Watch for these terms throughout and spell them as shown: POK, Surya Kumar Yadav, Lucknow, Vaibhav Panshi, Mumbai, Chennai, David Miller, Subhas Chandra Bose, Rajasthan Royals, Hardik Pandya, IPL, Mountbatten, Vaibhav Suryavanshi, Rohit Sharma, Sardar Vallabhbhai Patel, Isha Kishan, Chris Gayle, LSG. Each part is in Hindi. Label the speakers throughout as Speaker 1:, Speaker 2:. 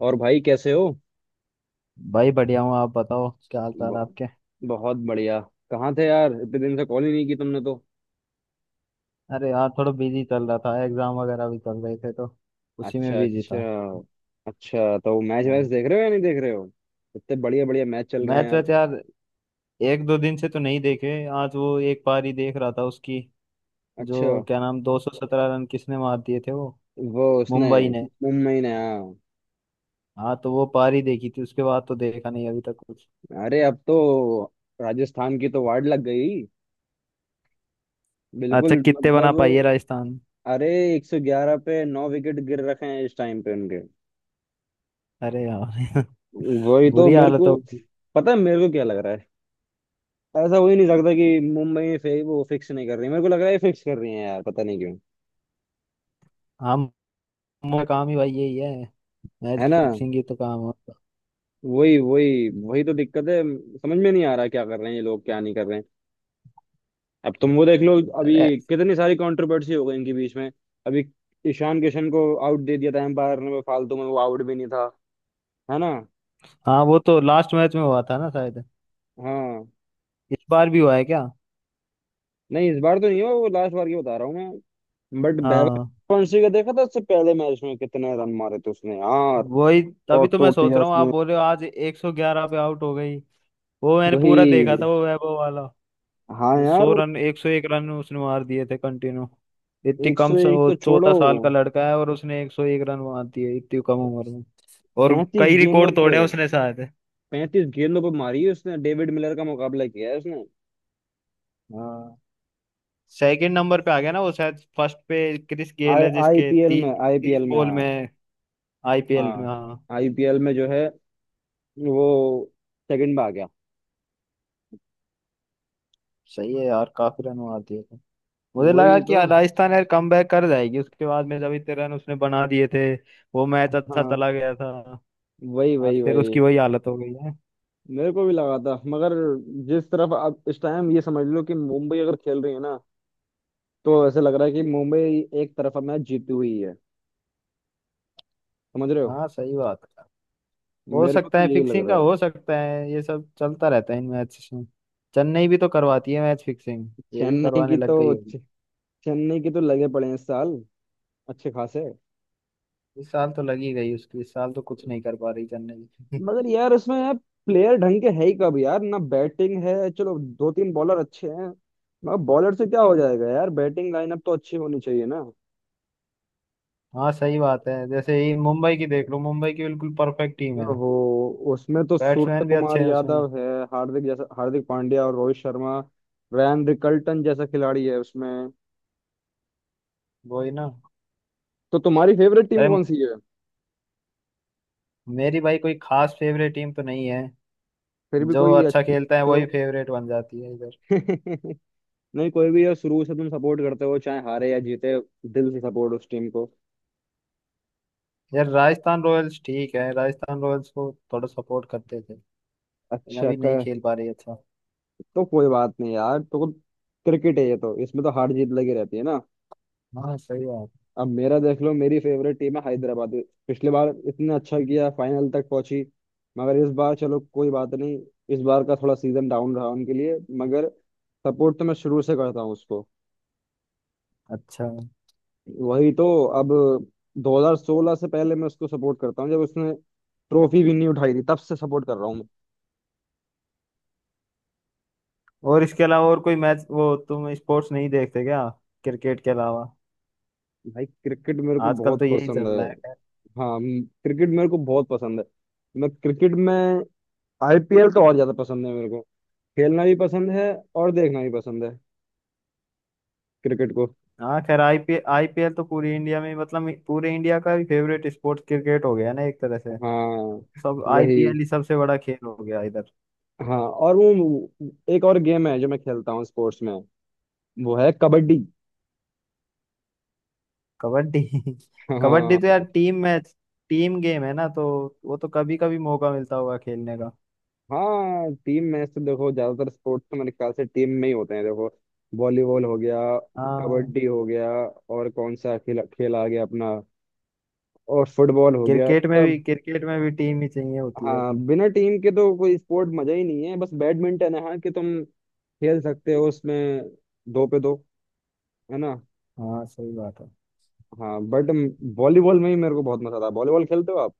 Speaker 1: और भाई कैसे हो?
Speaker 2: भाई बढ़िया हूँ। आप बताओ क्या हाल चाल है
Speaker 1: ब-
Speaker 2: आपके।
Speaker 1: बहुत बढ़िया। कहाँ थे यार, इतने दिन से कॉल ही नहीं की तुमने तो।
Speaker 2: अरे यार थोड़ा बिजी चल रहा था, एग्जाम वगैरह भी चल रहे थे तो उसी में
Speaker 1: अच्छा,
Speaker 2: बिजी
Speaker 1: अच्छा।
Speaker 2: था।
Speaker 1: अच्छा, तो मैच वैच
Speaker 2: हाँ।
Speaker 1: देख रहे हो या नहीं देख रहे हो? इतने बढ़िया बढ़िया मैच चल रहे हैं
Speaker 2: मैच
Speaker 1: यार।
Speaker 2: वैच यार, एक दो दिन से तो नहीं देखे। आज वो एक पारी देख रहा था उसकी।
Speaker 1: अच्छा।
Speaker 2: जो क्या नाम, 217 रन किसने मार दिए थे वो।
Speaker 1: वो उसने।
Speaker 2: मुंबई ने
Speaker 1: मुंबई ने, हाँ।
Speaker 2: हाँ। तो वो पारी देखी थी, उसके बाद तो देखा नहीं अभी तक कुछ।
Speaker 1: अरे अब तो राजस्थान की तो वार्ड लग गई।
Speaker 2: अच्छा,
Speaker 1: बिल्कुल
Speaker 2: कितने बना
Speaker 1: मतलब।
Speaker 2: पाई है राजस्थान।
Speaker 1: अरे, 111 पे 9 विकेट गिर रखे हैं इस टाइम पे उनके।
Speaker 2: अरे यार।
Speaker 1: वही तो
Speaker 2: बुरी
Speaker 1: मेरे
Speaker 2: हालत हो
Speaker 1: को।
Speaker 2: गई।
Speaker 1: पता है मेरे को क्या लग रहा है? ऐसा हो ही नहीं सकता कि मुंबई वो फिक्स नहीं कर रही, मेरे को लग रहा है फिक्स कर रही है यार, पता नहीं क्यों।
Speaker 2: हम हम का काम ही भाई यही है। मैच
Speaker 1: है ना?
Speaker 2: फिक्सिंग ही तो काम होता
Speaker 1: वही वही वही तो दिक्कत है। समझ में नहीं आ रहा क्या कर रहे हैं ये लोग, क्या नहीं कर रहे हैं। अब तुम वो देख लो, अभी
Speaker 2: है।
Speaker 1: कितनी सारी कंट्रोवर्सी हो गई इनके बीच में। अभी ईशान किशन को आउट दे दिया था एम्पायर ने, वो फालतू में, वो आउट भी नहीं था। है ना?
Speaker 2: हाँ, वो तो लास्ट मैच में हुआ था ना शायद।
Speaker 1: हाँ।
Speaker 2: इस बार भी हुआ है क्या।
Speaker 1: नहीं, इस बार तो नहीं हुआ वो, लास्ट बार की बता रहा हूँ मैं। बट वैभव
Speaker 2: हाँ
Speaker 1: पंशी का देखा था उससे पहले मैच में, कितने रन मारे थे उसने यार!
Speaker 2: वही। तभी
Speaker 1: कॉट
Speaker 2: तो मैं
Speaker 1: तोड़
Speaker 2: सोच
Speaker 1: दिया
Speaker 2: रहा हूँ, आप
Speaker 1: उसने।
Speaker 2: बोल रहे हो आज 111 पे आउट हो गई। वो मैंने पूरा देखा
Speaker 1: वही।
Speaker 2: था वो वैभव वाला।
Speaker 1: हाँ यार।
Speaker 2: सौ रन, 101 रन उसने मार दिए थे कंटिन्यू। इतनी
Speaker 1: एक
Speaker 2: कम
Speaker 1: सौ
Speaker 2: से,
Speaker 1: एक
Speaker 2: वो
Speaker 1: तो छोड़ो,
Speaker 2: 14 साल का लड़का है और उसने 101 रन मार दिए इतनी कम उम्र में। और
Speaker 1: पैंतीस
Speaker 2: कई
Speaker 1: गेंदों
Speaker 2: रिकॉर्ड
Speaker 1: पे,
Speaker 2: तोड़े हैं उसने शायद।
Speaker 1: 35 गेंदों पे मारी है उसने, डेविड मिलर का मुकाबला किया है उसने।
Speaker 2: हाँ, सेकंड नंबर पे आ गया ना वो, शायद फर्स्ट पे क्रिस गेल
Speaker 1: आई
Speaker 2: है जिसके
Speaker 1: आईपीएल
Speaker 2: तीस
Speaker 1: में,
Speaker 2: तीस
Speaker 1: आईपीएल में
Speaker 2: बॉल
Speaker 1: हाँ।
Speaker 2: में आईपीएल में।
Speaker 1: हाँ,
Speaker 2: हाँ
Speaker 1: आईपीएल में जो है, वो सेकंड में आ गया।
Speaker 2: सही है यार, काफी रन मार दिए थे। मुझे लगा
Speaker 1: वही
Speaker 2: कि
Speaker 1: तो।
Speaker 2: राजस्थान यार कम बैक कर जाएगी उसके बाद में, जब इतने रन उसने बना दिए थे। वो मैच अच्छा
Speaker 1: हाँ,
Speaker 2: चला गया था।
Speaker 1: वही
Speaker 2: आज
Speaker 1: वही
Speaker 2: फिर
Speaker 1: वही।
Speaker 2: उसकी वही हालत हो गई है।
Speaker 1: मेरे को भी लगा था मगर जिस तरफ अब इस टाइम ये समझ लो कि मुंबई अगर खेल रही है ना, तो ऐसा लग रहा है कि मुंबई एक तरफा मैच जीती हुई है। समझ रहे हो?
Speaker 2: हाँ सही बात है। हो
Speaker 1: मेरे को
Speaker 2: सकता
Speaker 1: तो
Speaker 2: है
Speaker 1: यही लग
Speaker 2: फिक्सिंग का,
Speaker 1: रहा है।
Speaker 2: हो सकता है। ये सब चलता रहता है इन मैच में। चेन्नई भी तो करवाती है मैच फिक्सिंग, ये भी
Speaker 1: चेन्नई
Speaker 2: करवाने
Speaker 1: की
Speaker 2: लग
Speaker 1: तो,
Speaker 2: गई होगी।
Speaker 1: चेन्नई की तो लगे पड़े हैं इस साल, अच्छे खासे।
Speaker 2: इस साल तो लगी गई उसकी, इस साल तो कुछ नहीं कर पा रही चेन्नई।
Speaker 1: मगर यार इसमें यार, प्लेयर ढंग के है ही कब यार, ना बैटिंग है। चलो दो तीन बॉलर अच्छे हैं, मगर बॉलर से क्या हो जाएगा यार, बैटिंग लाइनअप तो अच्छी होनी चाहिए ना।
Speaker 2: हाँ सही बात है। जैसे ये मुंबई की देख लो, मुंबई की बिल्कुल परफेक्ट टीम है।
Speaker 1: हो। उसमें तो सूर्य
Speaker 2: बैट्समैन भी अच्छे
Speaker 1: कुमार
Speaker 2: हैं उसमें।
Speaker 1: यादव है, हार्दिक जैसा हार्दिक पांड्या और रोहित शर्मा, रैन रिकल्टन जैसा खिलाड़ी है उसमें।
Speaker 2: वही ना।
Speaker 1: तो तुम्हारी फेवरेट टीम
Speaker 2: अरे,
Speaker 1: कौन सी है?
Speaker 2: मेरी भाई कोई खास फेवरेट टीम तो नहीं है।
Speaker 1: फिर भी
Speaker 2: जो
Speaker 1: कोई
Speaker 2: अच्छा
Speaker 1: अच्छी
Speaker 2: खेलता है
Speaker 1: हो।
Speaker 2: वही फेवरेट बन जाती है इधर।
Speaker 1: नहीं, कोई भी यार शुरू से तुम सपोर्ट करते हो चाहे हारे या जीते, दिल से सपोर्ट उस टीम को।
Speaker 2: यार राजस्थान रॉयल्स ठीक है, राजस्थान रॉयल्स को थोड़ा सपोर्ट करते थे। लेकिन
Speaker 1: अच्छा।
Speaker 2: अभी नहीं खेल पा रही। अच्छा।
Speaker 1: तो कोई बात नहीं यार, तो क्रिकेट है ये तो, इसमें तो हार जीत लगी रहती है ना।
Speaker 2: हाँ सही बात।
Speaker 1: अब मेरा देख लो, मेरी फेवरेट टीम है हैदराबाद। पिछली बार इतना अच्छा किया, फाइनल तक पहुंची। मगर इस बार चलो कोई बात नहीं, इस बार का थोड़ा सीजन डाउन रहा उनके लिए। मगर सपोर्ट तो मैं शुरू से करता हूँ उसको।
Speaker 2: अच्छा
Speaker 1: वही तो। अब 2016 से पहले मैं उसको सपोर्ट करता हूँ, जब उसने ट्रॉफी भी नहीं उठाई थी, तब से सपोर्ट कर रहा हूँ मैं।
Speaker 2: और इसके अलावा और कोई मैच वो तुम स्पोर्ट्स नहीं देखते क्या, क्रिकेट के अलावा।
Speaker 1: भाई क्रिकेट मेरे को
Speaker 2: आजकल तो
Speaker 1: बहुत
Speaker 2: यही चल
Speaker 1: पसंद है।
Speaker 2: रहा है खैर।
Speaker 1: हाँ, क्रिकेट मेरे को बहुत पसंद है। मैं क्रिकेट में, आईपीएल तो और ज्यादा पसंद है मेरे को। खेलना भी पसंद है, और देखना भी पसंद है क्रिकेट को।
Speaker 2: हाँ खैर, आईपीएल आईपीएल तो पूरी इंडिया में, मतलब पूरे इंडिया का फेवरेट स्पोर्ट्स क्रिकेट हो गया ना एक तरह से।
Speaker 1: हाँ
Speaker 2: सब
Speaker 1: वही।
Speaker 2: आईपीएल ही सबसे बड़ा खेल हो गया इधर।
Speaker 1: हाँ, और वो एक और गेम है जो मैं खेलता हूँ स्पोर्ट्स में, वो है कबड्डी।
Speaker 2: कबड्डी। कबड्डी तो
Speaker 1: हाँ।
Speaker 2: यार टीम मैच, टीम गेम है ना तो वो तो कभी कभी मौका मिलता होगा खेलने का।
Speaker 1: हाँ, टीम मैच तो देखो, ज्यादातर स्पोर्ट्स तो मेरे ख्याल से टीम में ही होते हैं, देखो। वॉलीबॉल हो गया,
Speaker 2: हाँ,
Speaker 1: कबड्डी हो गया, और कौन सा खेल खेल आ गया अपना, और फुटबॉल हो गया, ये
Speaker 2: क्रिकेट में भी
Speaker 1: सब।
Speaker 2: क्रिकेट में भी टीम ही चाहिए होती है
Speaker 1: हाँ,
Speaker 2: अपनी।
Speaker 1: बिना टीम के तो कोई स्पोर्ट मजा ही नहीं है, बस बैडमिंटन है, हाँ कि तुम खेल सकते हो उसमें दो पे दो। है ना?
Speaker 2: हाँ सही बात है।
Speaker 1: हाँ बट वॉलीबॉल में ही मेरे को बहुत मजा आता है। वॉलीबॉल खेलते हो आप?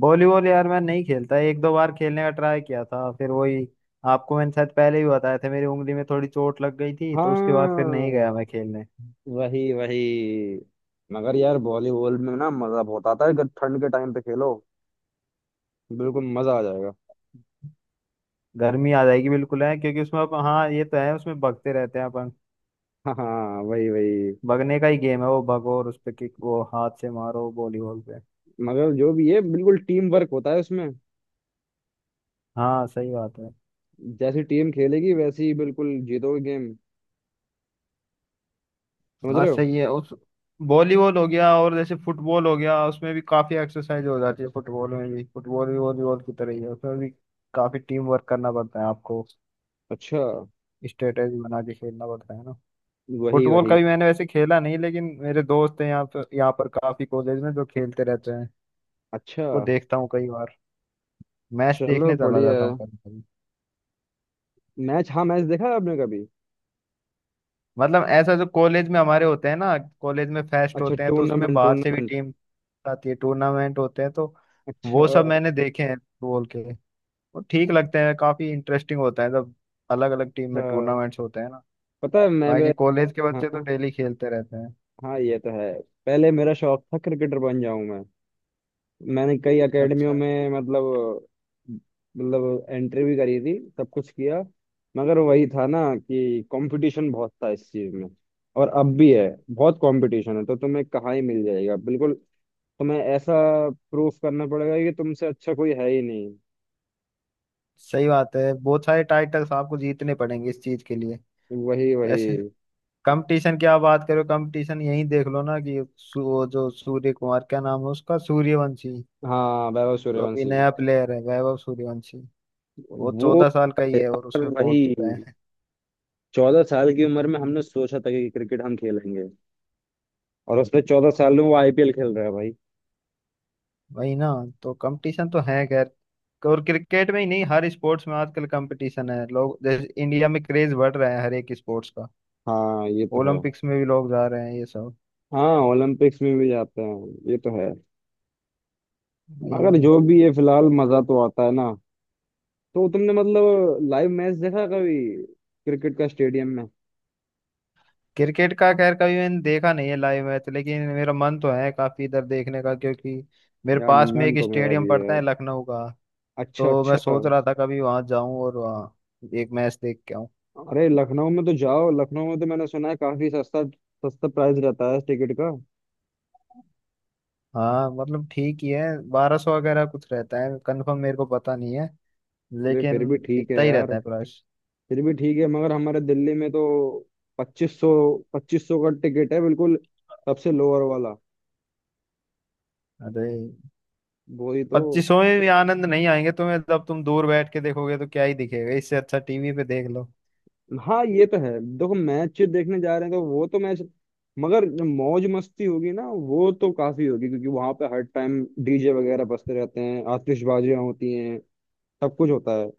Speaker 2: वॉलीबॉल यार मैं नहीं खेलता, एक दो बार खेलने का ट्राई किया था फिर वही। आपको मैंने शायद पहले ही बताया था मेरी उंगली में थोड़ी चोट लग गई थी, तो उसके बाद फिर नहीं
Speaker 1: हाँ
Speaker 2: गया मैं खेलने।
Speaker 1: वही वही। मगर यार वॉलीबॉल में ना मजा बहुत आता है, अगर ठंड के टाइम पे खेलो, बिल्कुल मजा आ जाएगा।
Speaker 2: गर्मी आ जाएगी बिल्कुल है, क्योंकि उसमें अपन, हाँ ये तो है, उसमें भगते रहते हैं अपन।
Speaker 1: हाँ वही वही।
Speaker 2: भगने का ही गेम है वो, भगो और उस पे किक, वो हाथ से मारो वॉलीबॉल पे।
Speaker 1: मगर जो भी है, बिल्कुल टीम वर्क होता है उसमें।
Speaker 2: हाँ सही बात है।
Speaker 1: जैसी टीम खेलेगी वैसी ही बिल्कुल जीतोगे गेम। समझ
Speaker 2: हाँ
Speaker 1: रहे हो?
Speaker 2: सही है उस। वॉलीबॉल हो गया, और जैसे फुटबॉल हो गया उसमें भी काफी एक्सरसाइज हो जाती है, फुटबॉल में भी। फुटबॉल भी वॉलीबॉल की तरह ही है, उसमें भी काफी टीम वर्क करना पड़ता है आपको।
Speaker 1: अच्छा।
Speaker 2: स्ट्रेटेजी बना के खेलना पड़ता है ना।
Speaker 1: वही
Speaker 2: फुटबॉल का
Speaker 1: वही।
Speaker 2: भी मैंने वैसे खेला नहीं, लेकिन मेरे दोस्त हैं यहाँ पर काफी, कॉलेज में जो खेलते रहते हैं।
Speaker 1: अच्छा
Speaker 2: वो देखता हूँ कई बार, मैच
Speaker 1: चलो,
Speaker 2: देखने चला
Speaker 1: बढ़िया
Speaker 2: जाता
Speaker 1: है।
Speaker 2: हूँ कभी कभी।
Speaker 1: मैच, हाँ मैच देखा है आपने कभी?
Speaker 2: मतलब ऐसा जो कॉलेज में हमारे होते हैं ना, कॉलेज में फेस्ट
Speaker 1: अच्छा,
Speaker 2: होते हैं तो उसमें
Speaker 1: टूर्नामेंट
Speaker 2: बाहर से भी
Speaker 1: टूर्नामेंट।
Speaker 2: टीम आती है, टूर्नामेंट होते हैं तो। वो
Speaker 1: अच्छा।
Speaker 2: सब मैंने देखे हैं फुटबॉल के। वो ठीक लगते हैं, काफी इंटरेस्टिंग होता है जब अलग अलग टीम में
Speaker 1: अच्छा
Speaker 2: टूर्नामेंट्स होते हैं ना।
Speaker 1: पता है, मैं भी।
Speaker 2: बाकी कॉलेज के
Speaker 1: हाँ।
Speaker 2: बच्चे तो डेली खेलते रहते हैं।
Speaker 1: हाँ ये तो है। पहले मेरा शौक था क्रिकेटर बन जाऊं मैं, मैंने कई एकेडमियों
Speaker 2: अच्छा।
Speaker 1: में मतलब एंट्री भी करी थी, सब कुछ किया। मगर वही था ना कि कंपटीशन बहुत था इस चीज में, और अब भी है। बहुत कंपटीशन है, तो तुम्हें कहाँ ही मिल जाएगा बिल्कुल। तुम्हें ऐसा प्रूफ करना पड़ेगा कि तुमसे अच्छा कोई है ही नहीं।
Speaker 2: सही बात है, बहुत सारे टाइटल्स आपको जीतने पड़ेंगे इस चीज के लिए।
Speaker 1: वही वही।
Speaker 2: ऐसे कंपटीशन की आप बात करो, कंपटीशन यही देख लो ना कि वो जो सूर्य कुमार, क्या नाम है उसका, सूर्यवंशी,
Speaker 1: हाँ, वैभव
Speaker 2: जो अभी
Speaker 1: सूर्यवंशी।
Speaker 2: नया प्लेयर है, वैभव सूर्यवंशी। वो
Speaker 1: वो
Speaker 2: 14 साल का ही है और
Speaker 1: तो
Speaker 2: उसमें
Speaker 1: वही,
Speaker 2: पहुंच चुका है।
Speaker 1: 14 साल की उम्र में हमने सोचा था कि क्रिकेट हम खेलेंगे, और उसने 14 साल में वो आईपीएल खेल रहा है भाई।
Speaker 2: वही ना। तो कंपटीशन तो है खैर। और क्रिकेट में ही नहीं, हर स्पोर्ट्स में आजकल कंपटीशन है। लोग जैसे इंडिया में क्रेज बढ़ रहा है हर एक स्पोर्ट्स का।
Speaker 1: हाँ ये तो है।
Speaker 2: ओलंपिक्स में भी लोग जा रहे हैं ये सब।
Speaker 1: हाँ, ओलंपिक्स में भी जाते हैं, ये तो है।
Speaker 2: वही
Speaker 1: मगर
Speaker 2: ना।
Speaker 1: जो भी ये फिलहाल मजा तो आता है ना। तो तुमने मतलब लाइव मैच देखा कभी? क्रिकेट का स्टेडियम में?
Speaker 2: क्रिकेट का खैर कभी मैंने देखा नहीं है लाइव मैच, लेकिन मेरा मन तो है काफी इधर देखने का, क्योंकि मेरे
Speaker 1: यार
Speaker 2: पास में
Speaker 1: मन
Speaker 2: एक
Speaker 1: तो मेरा भी
Speaker 2: स्टेडियम
Speaker 1: है
Speaker 2: पड़ता
Speaker 1: यार।
Speaker 2: है लखनऊ का।
Speaker 1: अच्छा
Speaker 2: तो मैं
Speaker 1: अच्छा।
Speaker 2: सोच रहा था कभी वहां जाऊं और वहाँ एक मैच देख के आऊं।
Speaker 1: अरे लखनऊ में तो जाओ, लखनऊ में तो मैंने सुना है काफी सस्ता, सस्ता प्राइस रहता है टिकट का।
Speaker 2: हाँ मतलब ठीक ही है। 1200 वगैरह कुछ रहता है, कंफर्म मेरे को पता नहीं है
Speaker 1: अरे
Speaker 2: लेकिन।
Speaker 1: फिर भी ठीक है
Speaker 2: इतना ही
Speaker 1: यार।
Speaker 2: रहता है प्राइस।
Speaker 1: फिर भी ठीक है, मगर हमारे दिल्ली में तो पच्चीस सौ 2500 का टिकट है बिल्कुल, सबसे लोअर वाला।
Speaker 2: अरे,
Speaker 1: वही तो।
Speaker 2: पच्चीसों में भी आनंद नहीं आएंगे तुम्हें, जब तुम दूर बैठ के देखोगे तो क्या ही दिखेगा। इससे अच्छा टीवी पे देख लो।
Speaker 1: हाँ ये तो है। देखो मैच देखने जा रहे हैं तो वो तो मैच, मगर जो मौज मस्ती होगी ना वो तो काफी होगी, क्योंकि वहां पे हर टाइम डीजे वगैरह बजते रहते हैं, आतिशबाजियां होती हैं, सब कुछ होता है।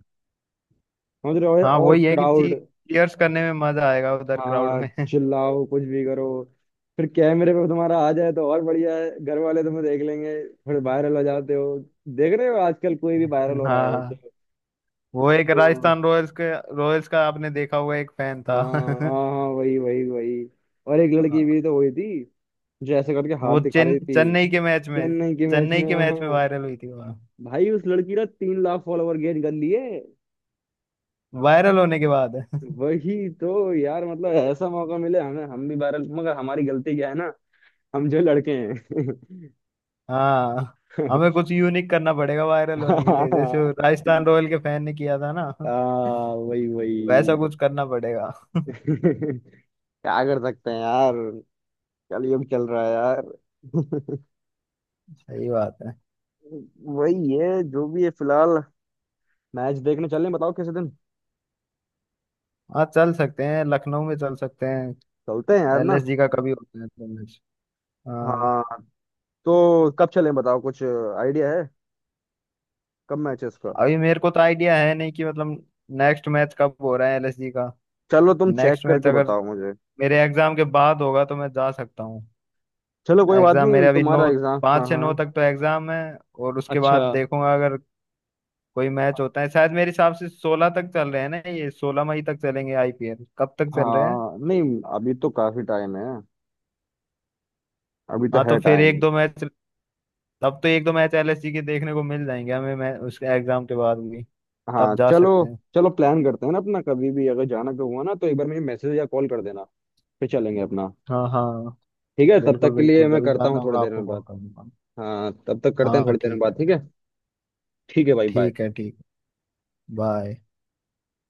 Speaker 1: समझ रहे
Speaker 2: हाँ
Speaker 1: हो? और
Speaker 2: वही है कि
Speaker 1: क्राउड।
Speaker 2: चीयर्स करने में मजा आएगा उधर क्राउड
Speaker 1: हाँ,
Speaker 2: में।
Speaker 1: चिल्लाओ कुछ भी करो, फिर कैमरे पे तुम्हारा आ जाए तो और बढ़िया है, घर वाले तुम्हें देख लेंगे। फिर वायरल हो जाते हो, देख रहे हो आजकल कोई भी वायरल हो रहा है।
Speaker 2: हाँ, वो एक
Speaker 1: तो
Speaker 2: राजस्थान रॉयल्स के, रॉयल्स का आपने देखा होगा एक फैन
Speaker 1: हाँ
Speaker 2: था।
Speaker 1: हाँ हाँ, वही वही वही। और एक लड़की
Speaker 2: हाँ,
Speaker 1: भी तो हुई थी, मुझे ऐसे करके हाथ
Speaker 2: वो
Speaker 1: दिखा
Speaker 2: चेन,
Speaker 1: रही थी।
Speaker 2: चेन्नई के मैच में,
Speaker 1: चेन्नई के मैच
Speaker 2: चेन्नई
Speaker 1: में
Speaker 2: के मैच में
Speaker 1: हाँ।
Speaker 2: वायरल हुई थी वो।
Speaker 1: भाई उस लड़की ने 3 लाख फॉलोवर गेन कर लिए।
Speaker 2: वायरल होने के बाद।
Speaker 1: वही तो यार, मतलब ऐसा मौका मिले हमें, हम भी वायरल, मगर हमारी गलती क्या है ना, हम जो लड़के हैं।
Speaker 2: हाँ। हमें कुछ यूनिक करना पड़ेगा वायरल होने के लिए, जैसे वो राजस्थान रॉयल के फैन ने किया था ना,
Speaker 1: हाँ वही
Speaker 2: वैसा
Speaker 1: वही।
Speaker 2: कुछ करना पड़ेगा।
Speaker 1: क्या कर सकते हैं यार, कलयुग चल रहा है यार।
Speaker 2: सही बात है।
Speaker 1: वही है जो भी है फिलहाल। मैच देखने चलें बताओ किसी दिन?
Speaker 2: हाँ चल सकते हैं, लखनऊ में चल सकते हैं।
Speaker 1: चलते हैं यार ना।
Speaker 2: एलएसजी का कभी होता है तो मैच। हाँ,
Speaker 1: हाँ, तो कब चलें बताओ, कुछ आइडिया है कब मैचेस का?
Speaker 2: अभी मेरे को तो आइडिया है नहीं कि मतलब नेक्स्ट मैच कब हो रहा है एलएसजी का।
Speaker 1: चलो तुम चेक
Speaker 2: नेक्स्ट मैच
Speaker 1: करके
Speaker 2: अगर
Speaker 1: बताओ मुझे।
Speaker 2: मेरे एग्जाम के बाद होगा तो मैं जा सकता हूँ।
Speaker 1: चलो कोई बात
Speaker 2: एग्जाम
Speaker 1: नहीं,
Speaker 2: मेरे अभी नौ,
Speaker 1: तुम्हारा एग्जाम, हाँ
Speaker 2: पाँच से
Speaker 1: हाँ।
Speaker 2: नौ तक तो एग्जाम है। और उसके
Speaker 1: अच्छा।
Speaker 2: बाद देखूंगा अगर कोई मैच होता है, शायद मेरे हिसाब से 16 तक चल रहे हैं ना ये, 16 मई तक चलेंगे आईपीएल, कब तक चल रहे हैं।
Speaker 1: हाँ, नहीं अभी तो काफी टाइम है, अभी तो
Speaker 2: हाँ तो
Speaker 1: है
Speaker 2: फिर
Speaker 1: टाइम।
Speaker 2: एक दो मैच, अब तो एक दो मैच एलएसजी के देखने को मिल जाएंगे हमें। मैं उसके एग्जाम के बाद भी
Speaker 1: हाँ
Speaker 2: तब जा
Speaker 1: चलो।
Speaker 2: सकते हैं।
Speaker 1: चलो प्लान करते हैं ना अपना, कभी भी अगर जाना का हुआ ना तो एक बार मुझे मैसेज या कॉल कर देना, फिर चलेंगे अपना।
Speaker 2: हाँ हाँ,
Speaker 1: ठीक है, तब
Speaker 2: बिल्कुल
Speaker 1: तक के लिए
Speaker 2: बिल्कुल,
Speaker 1: मैं
Speaker 2: जब भी
Speaker 1: करता
Speaker 2: जाना
Speaker 1: हूँ थोड़ी
Speaker 2: होगा
Speaker 1: देर
Speaker 2: आपको
Speaker 1: में
Speaker 2: कॉल
Speaker 1: बात।
Speaker 2: कर दूंगा।
Speaker 1: हाँ, तब तक करते हैं
Speaker 2: हाँ
Speaker 1: थोड़ी देर में
Speaker 2: ठीक
Speaker 1: बात, ठीक
Speaker 2: है।
Speaker 1: है? ठीक है भाई
Speaker 2: ठीक
Speaker 1: bye।
Speaker 2: है ठीक। बाय।